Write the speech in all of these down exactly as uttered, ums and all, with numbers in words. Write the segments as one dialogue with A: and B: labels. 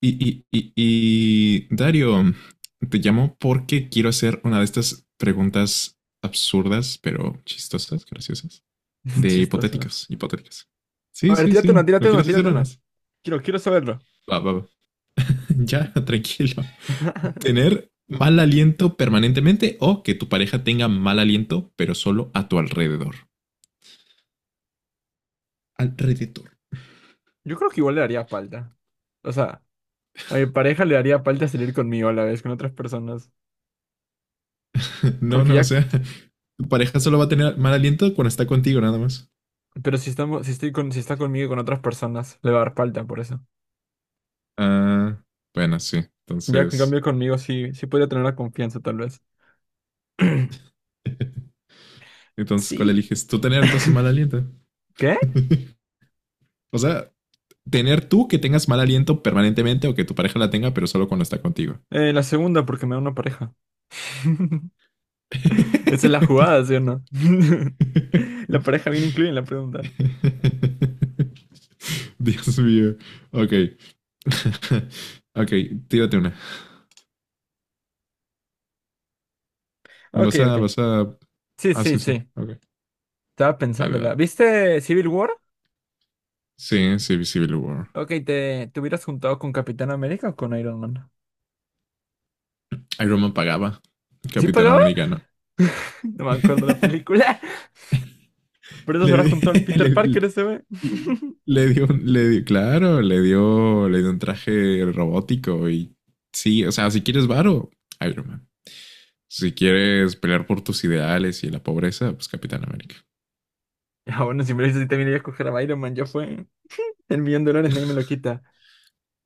A: Y, y, y, y Dario, te llamo porque quiero hacer una de estas preguntas absurdas, pero chistosas, graciosas, de
B: Chistosos.
A: hipotéticos, hipotéticas.
B: A
A: Sí,
B: ver,
A: sí,
B: tírate
A: sí.
B: una,
A: ¿No
B: tírate una,
A: quieres hacer
B: tírate una.
A: unas?
B: Quiero, quiero saberlo.
A: Va, va, va. Ya, tranquilo. Tener mal aliento permanentemente o que tu pareja tenga mal aliento, pero solo a tu alrededor. Alrededor.
B: Yo creo que igual le haría falta. O sea, a mi pareja le haría falta salir conmigo a la vez, con otras personas.
A: No,
B: Porque
A: no, o
B: ya,
A: sea, tu pareja solo va a tener mal aliento cuando está contigo, nada más.
B: pero si estamos, si estoy con, si está conmigo y con otras personas, le va a dar falta por eso.
A: Ah, bueno, sí.
B: Ya en
A: Entonces,
B: cambio conmigo sí, sí podría tener la confianza tal vez.
A: entonces, ¿cuál
B: Sí.
A: eliges? Tú tener entonces mal aliento.
B: ¿Qué?
A: O sea, tener tú que tengas mal aliento permanentemente o que tu pareja la tenga, pero solo cuando está contigo.
B: Eh, la segunda, porque me da una pareja. Esa es la jugada, ¿sí o no? La pareja viene incluida en la pregunta.
A: Dios mío. Ok. Ok, tírate una.
B: Ok,
A: Vas a,
B: ok.
A: vas a.
B: Sí,
A: Ah,
B: sí,
A: sí, sí.
B: sí.
A: Ok.
B: Estaba
A: Dale,
B: pensándola.
A: dale.
B: ¿Viste Civil War?
A: Sí, sí, Civil War.
B: Ok, ¿te, te hubieras juntado con Capitán América o con Iron Man?
A: Iron Man pagaba.
B: ¿Sí
A: Capitán
B: pagaba?
A: americano.
B: No me acuerdo la película. Por eso se
A: Le,
B: habrá
A: di-
B: juntado al
A: le,
B: Peter Parker ese, güey.
A: le, le dio, un- le dio, claro, le dio, le dio un traje robótico y sí, o sea, si quieres varo, Iron Man. Si quieres pelear por tus ideales y la pobreza, pues Capitán América.
B: Ah, bueno, si me lo dices, sí también iba a coger a Iron Man. Ya fue. El millón de dólares nadie me lo quita.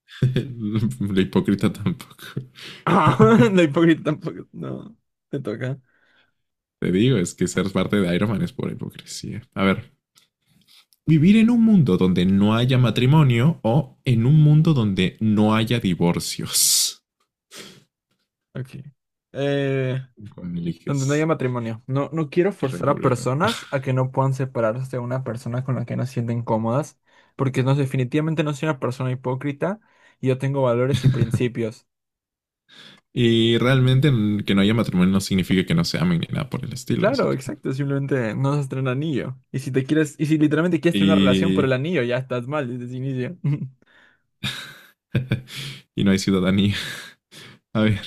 A: La hipócrita tampoco.
B: No, hipócrita tampoco. No, te toca.
A: Te digo, es que ser parte de Iron Man es por hipocresía. A ver, vivir en un mundo donde no haya matrimonio o en un mundo donde no haya divorcios.
B: Ok. Eh,
A: ¿Cuál
B: Donde no haya
A: eliges?
B: matrimonio. No, no quiero forzar a
A: Redobleta.
B: personas a que no puedan separarse de una persona con la que no se sienten cómodas, porque no, definitivamente no soy una persona hipócrita y yo tengo valores y principios.
A: Y realmente n- que no haya matrimonio no significa que no se amen ni nada por el estilo, así
B: Claro,
A: que.
B: exacto, simplemente no se el anillo. Y si te quieres, y si literalmente quieres tener una relación por el
A: Y...
B: anillo, ya estás mal desde el inicio.
A: y no hay ciudadanía. A ver,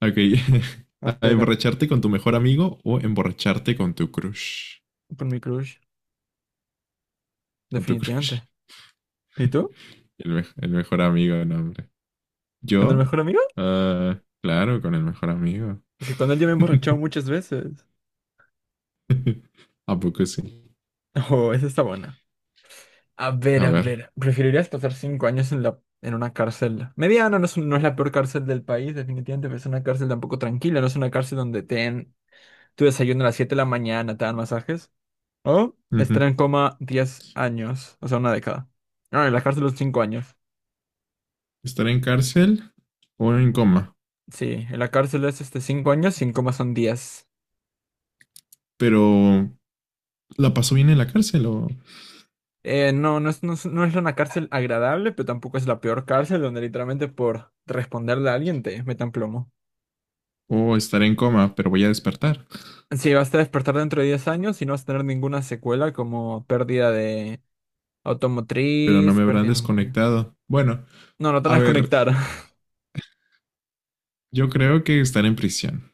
A: ok.
B: Ah,
A: ¿A
B: pero
A: emborracharte con tu mejor amigo o emborracharte con tu crush?
B: por mi crush,
A: Con tu
B: definitivamente.
A: crush.
B: ¿Y tú?
A: El, me- el mejor amigo, no, hombre.
B: ¿Con el
A: ¿Yo?
B: mejor amigo?
A: Ah, claro, con el mejor amigo.
B: Es que con él ya me he emborrachado muchas veces.
A: ¿A poco sí?
B: Oh, esa está buena. A ver,
A: A
B: a
A: ver.
B: ver. ¿Preferirías pasar cinco años en la, en una cárcel? Mediana, no es, un- no es la peor cárcel del país, definitivamente, pero es una cárcel tampoco tranquila, no es una cárcel donde te den tu desayuno a las siete de la mañana, te dan masajes. O
A: Ujú.
B: estar en coma diez años, o sea, una década. No, en la cárcel son cinco años.
A: ¿Estar en cárcel o en coma?
B: Sí, en la cárcel es este cinco años y en coma son diez.
A: Pero... ¿La pasó bien en la cárcel o?
B: Eh, no, no es, no es, no es una cárcel agradable, pero tampoco es la peor cárcel donde literalmente por responderle a alguien te metan plomo.
A: O estar en coma, pero voy a despertar.
B: Sí, vas a despertar dentro de diez años y no vas a tener ninguna secuela como pérdida de
A: Pero no
B: automotriz,
A: me habrán
B: pérdida de memoria.
A: desconectado. Bueno,
B: No, no te van a
A: a ver,
B: desconectar.
A: yo creo que estar en prisión,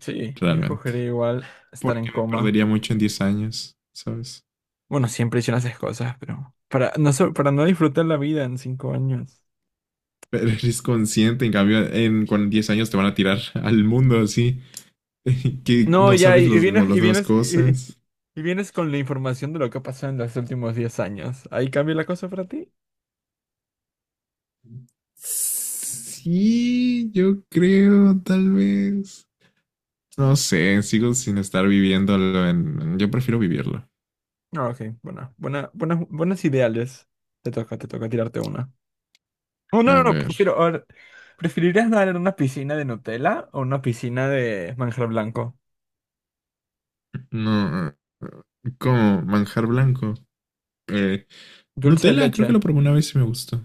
B: Sí, yo escogería
A: realmente.
B: igual estar en
A: Porque me
B: coma.
A: perdería mucho en diez años, ¿sabes?
B: Bueno, siempre hice esas cosas, pero para no, so- para no disfrutar la vida en cinco años.
A: Pero eres consciente, en cambio, en con diez años te van a tirar al mundo así, que
B: No,
A: no
B: ya, y,
A: sabes
B: y
A: los, no,
B: vienes,
A: las
B: y
A: nuevas
B: vienes, y, y-
A: cosas.
B: y vienes con la información de lo que ha pasado en los últimos diez años. ¿Ahí cambia la cosa para ti?
A: Sí, yo creo, tal vez. No sé, sigo sin estar viviéndolo en. Yo prefiero vivirlo.
B: No, ok, bueno, buena, buenas, buenas ideales. Te toca, te toca tirarte una. Oh, no,
A: A
B: no, no,
A: ver,
B: prefiero. A ver, ¿preferirías nadar en una piscina de Nutella o una piscina de manjar blanco?
A: no. Como manjar blanco. Eh,
B: Dulce de
A: Nutella,
B: leche.
A: creo que lo probé una vez y me gustó.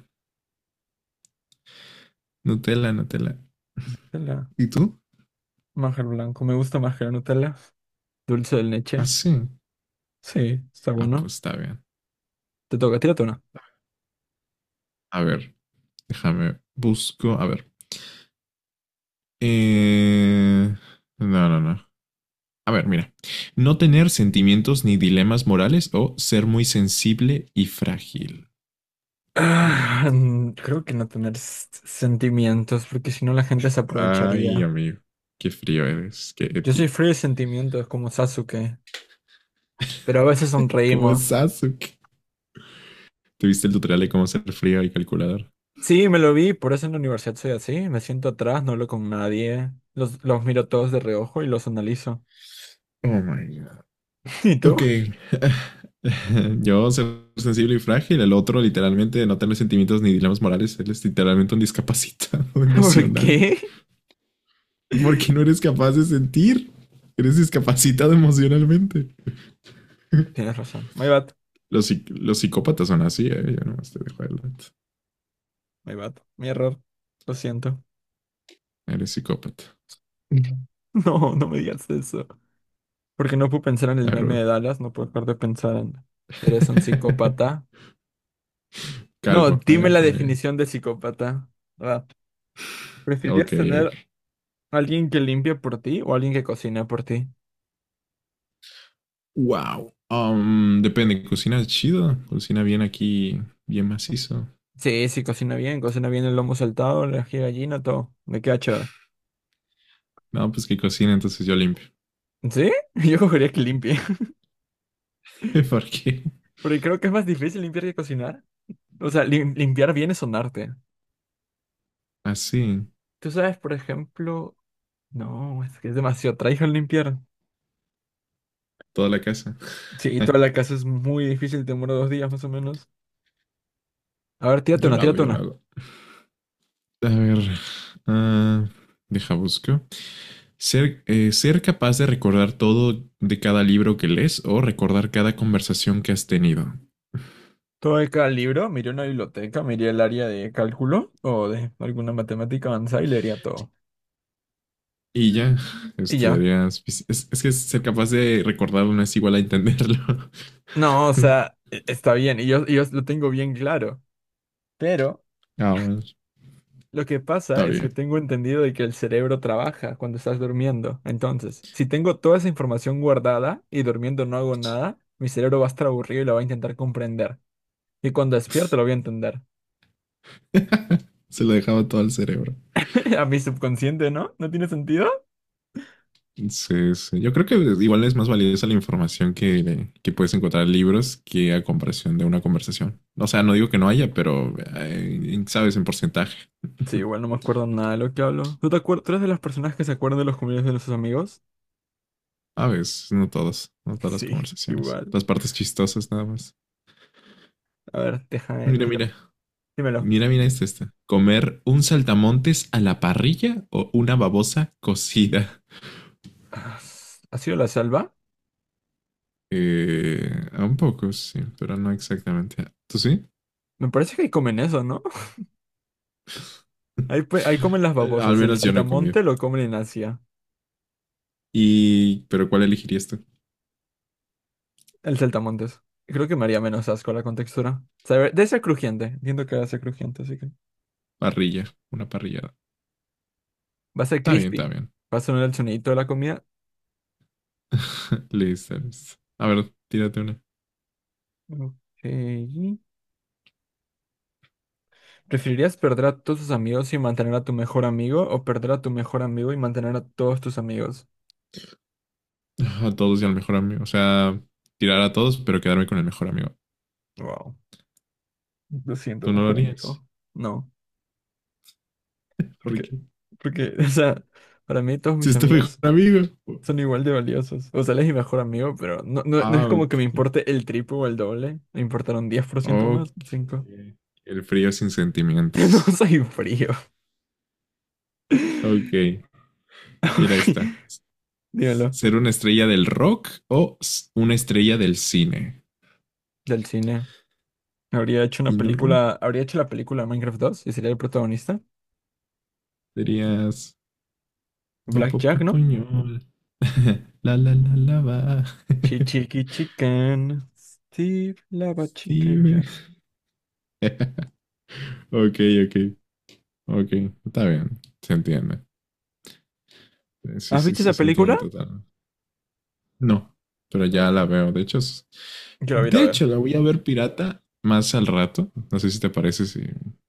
A: Nutella, Nutella.
B: Nutella,
A: ¿Y tú?
B: manjar blanco. Me gusta más que la Nutella. Dulce de
A: Ah,
B: leche.
A: sí.
B: Sí, está
A: Ah,
B: bueno.
A: pues está bien.
B: Te toca, tírate una.
A: A ver, déjame, busco. A ver. Eh, No, no, no. A ver, mira. No tener sentimientos ni dilemas morales o ser muy sensible y frágil. Oh my God.
B: Ah, mm, creo que no tener s- sentimientos, porque si no la gente se
A: Ay,
B: aprovecharía.
A: amigo. Qué frío eres. Qué
B: Yo soy
A: edgy.
B: frío de sentimientos como Sasuke, pero a veces
A: ¿Cómo es
B: sonreímos.
A: Sasuke? ¿Te viste el tutorial de cómo ser frío y calculador?
B: Sí, me lo vi, por eso en la universidad soy así. Me siento atrás, no hablo con nadie. Los, los miro todos de reojo y los analizo.
A: Oh my God.
B: ¿Y tú?
A: Ok. Yo ser sensible y frágil, el otro literalmente no tener sentimientos ni dilemas morales, él es literalmente un discapacitado
B: ¿Por
A: emocional.
B: qué?
A: Porque no eres capaz de sentir, eres discapacitado emocionalmente.
B: Tienes razón. My bad,
A: Los, psic- los psicópatas son así, ¿eh? Yo nomás te dejo adelante.
B: my bad, mi error. Lo siento.
A: Eres psicópata.
B: No, no me digas eso. Porque no puedo pensar en
A: A
B: el
A: ver,
B: meme de
A: bueno.
B: Dallas, no puedo dejar de pensar en... ¿Eres un psicópata? No,
A: Calvo. A
B: dime
A: ver,
B: la
A: con el-
B: definición de psicópata. Ah,
A: Ok,
B: ¿Preferirías tener
A: ok.
B: a alguien que limpie por ti o alguien que cocina por ti?
A: Wow. Um, depende, cocina chido, cocina bien aquí, bien macizo.
B: Sí, sí, cocina bien, cocina bien el lomo saltado, la ají de gallina, todo. Me queda chévere.
A: No, pues que cocina, entonces yo limpio.
B: ¿Sí? Yo cogería que limpie.
A: Porque
B: Porque creo que es más difícil limpiar que cocinar. O sea, lim- limpiar bien es un arte.
A: así,
B: Tú sabes, por ejemplo, no, es que es demasiado trabajo el limpiar.
A: toda la casa.
B: Sí, y toda la casa es muy difícil, te demora dos días más o menos. A ver, tírate
A: Yo
B: una,
A: lo hago,
B: tírate
A: yo lo
B: una.
A: hago. A ver, ah, deja busco. Ser, eh, ser capaz de recordar todo de cada libro que lees o recordar cada conversación que has tenido.
B: Todo de cada libro, miré una biblioteca, miré el área de cálculo o de alguna matemática avanzada y leería todo.
A: Y ya,
B: Y ya.
A: estudiarías. Es, es que ser capaz de recordarlo no es igual a entenderlo.
B: No, o sea, e- está bien, y yo, y yo lo tengo bien claro. Pero
A: Ah, bueno, está
B: lo que pasa es
A: bien.
B: que tengo entendido de que el cerebro trabaja cuando estás durmiendo. Entonces, si tengo toda esa información guardada y durmiendo no hago nada, mi cerebro va a estar aburrido y lo va a intentar comprender. Y cuando despierto lo voy a entender.
A: Se lo dejaba todo al cerebro.
B: A mi subconsciente, ¿no? ¿No tiene sentido?
A: Sí, sí. Yo creo que igual es más valiosa la información que, que, puedes encontrar en libros que a comparación de una conversación. O sea, no digo que no haya, pero eh, sabes, en porcentaje.
B: Sí, igual no me acuerdo nada de lo que hablo. ¿Tú te acuerdas? ¿Tú eres de las personas que se acuerdan de los cumpleaños de sus amigos?
A: A veces, no todas, no todas las
B: Sí,
A: conversaciones.
B: igual.
A: Las partes chistosas nada más.
B: A ver, déjame,
A: Mira,
B: tiro.
A: mira,
B: Dímelo.
A: mira, mira este, este. ¿Comer un saltamontes a la parrilla o una babosa cocida?
B: Ah, ¿Ha sido la salva?
A: Eh, un poco, sí, pero no exactamente. ¿Tú sí?
B: Me parece que ahí comen eso, ¿no? Ahí, pe- ahí comen las
A: Al
B: babosas. El
A: menos yo no he comido.
B: saltamonte lo comen en Asia.
A: Y, pero ¿cuál elegirías tú?
B: El saltamontes. Creo que me haría menos asco la contextura. Sabe- Debe ser crujiente. Entiendo que va a ser crujiente, así que.
A: Parrilla, una parrillada.
B: Va a ser
A: Está bien,
B: crispy.
A: está bien.
B: Va a sonar el sonidito de la comida.
A: Listers. A ver, tírate una.
B: Ok. ¿Preferirías perder a todos tus amigos y mantener a tu mejor amigo o perder a tu mejor amigo y mantener a todos tus amigos?
A: A todos y al mejor amigo. O sea, tirar a todos, pero quedarme con el mejor amigo.
B: Wow. Lo siento,
A: ¿Tú no lo
B: mejor
A: harías?
B: amigo. No,
A: ¿Por
B: porque,
A: qué?
B: porque, o sea, para mí todos
A: Si
B: mis
A: es tu mejor
B: amigos
A: amigo.
B: son igual de valiosos. O sea, él es mi mejor amigo, pero no, no, no es
A: Ah,
B: como
A: ok.
B: que me importe el triple o el doble. Me importaron diez por ciento más,
A: Ok.
B: cinco.
A: El frío sin
B: No
A: sentimientos.
B: soy frío.
A: Ok. Mira esta.
B: Dímelo,
A: ¿Ser una estrella del rock o una estrella del cine?
B: del cine. Habría hecho una
A: ¿Y no el rock?
B: película, habría hecho la película Minecraft dos y sería el protagonista.
A: Serías. Bo, bo, bo,
B: Blackjack, ¿no?
A: poñol. La la la la va.
B: Chi- Chiqui Chicken. Steve Lava
A: Sí,
B: Chicken
A: güey.
B: Jazz.
A: Ok, ok, ok. Está bien. Se entiende. Eh, Sí,
B: ¿Has
A: sí,
B: visto
A: sí,
B: esa
A: se entiende
B: película?
A: total. No, pero ya
B: Ok.
A: la veo. De hecho, es-
B: Yo la voy a ir a
A: de
B: ver.
A: hecho, la voy a ver pirata más al rato. No sé si te parece, si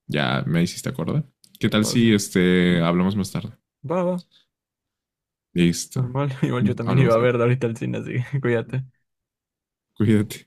A: ya me hiciste acordar. ¿Qué tal
B: No
A: si
B: sé.
A: este hablamos más tarde?
B: Va, va.
A: Listo.
B: Normal. Igual yo también iba
A: Hablamos
B: a
A: luego.
B: verla ahorita al cine, así que cuídate.
A: Cuídate.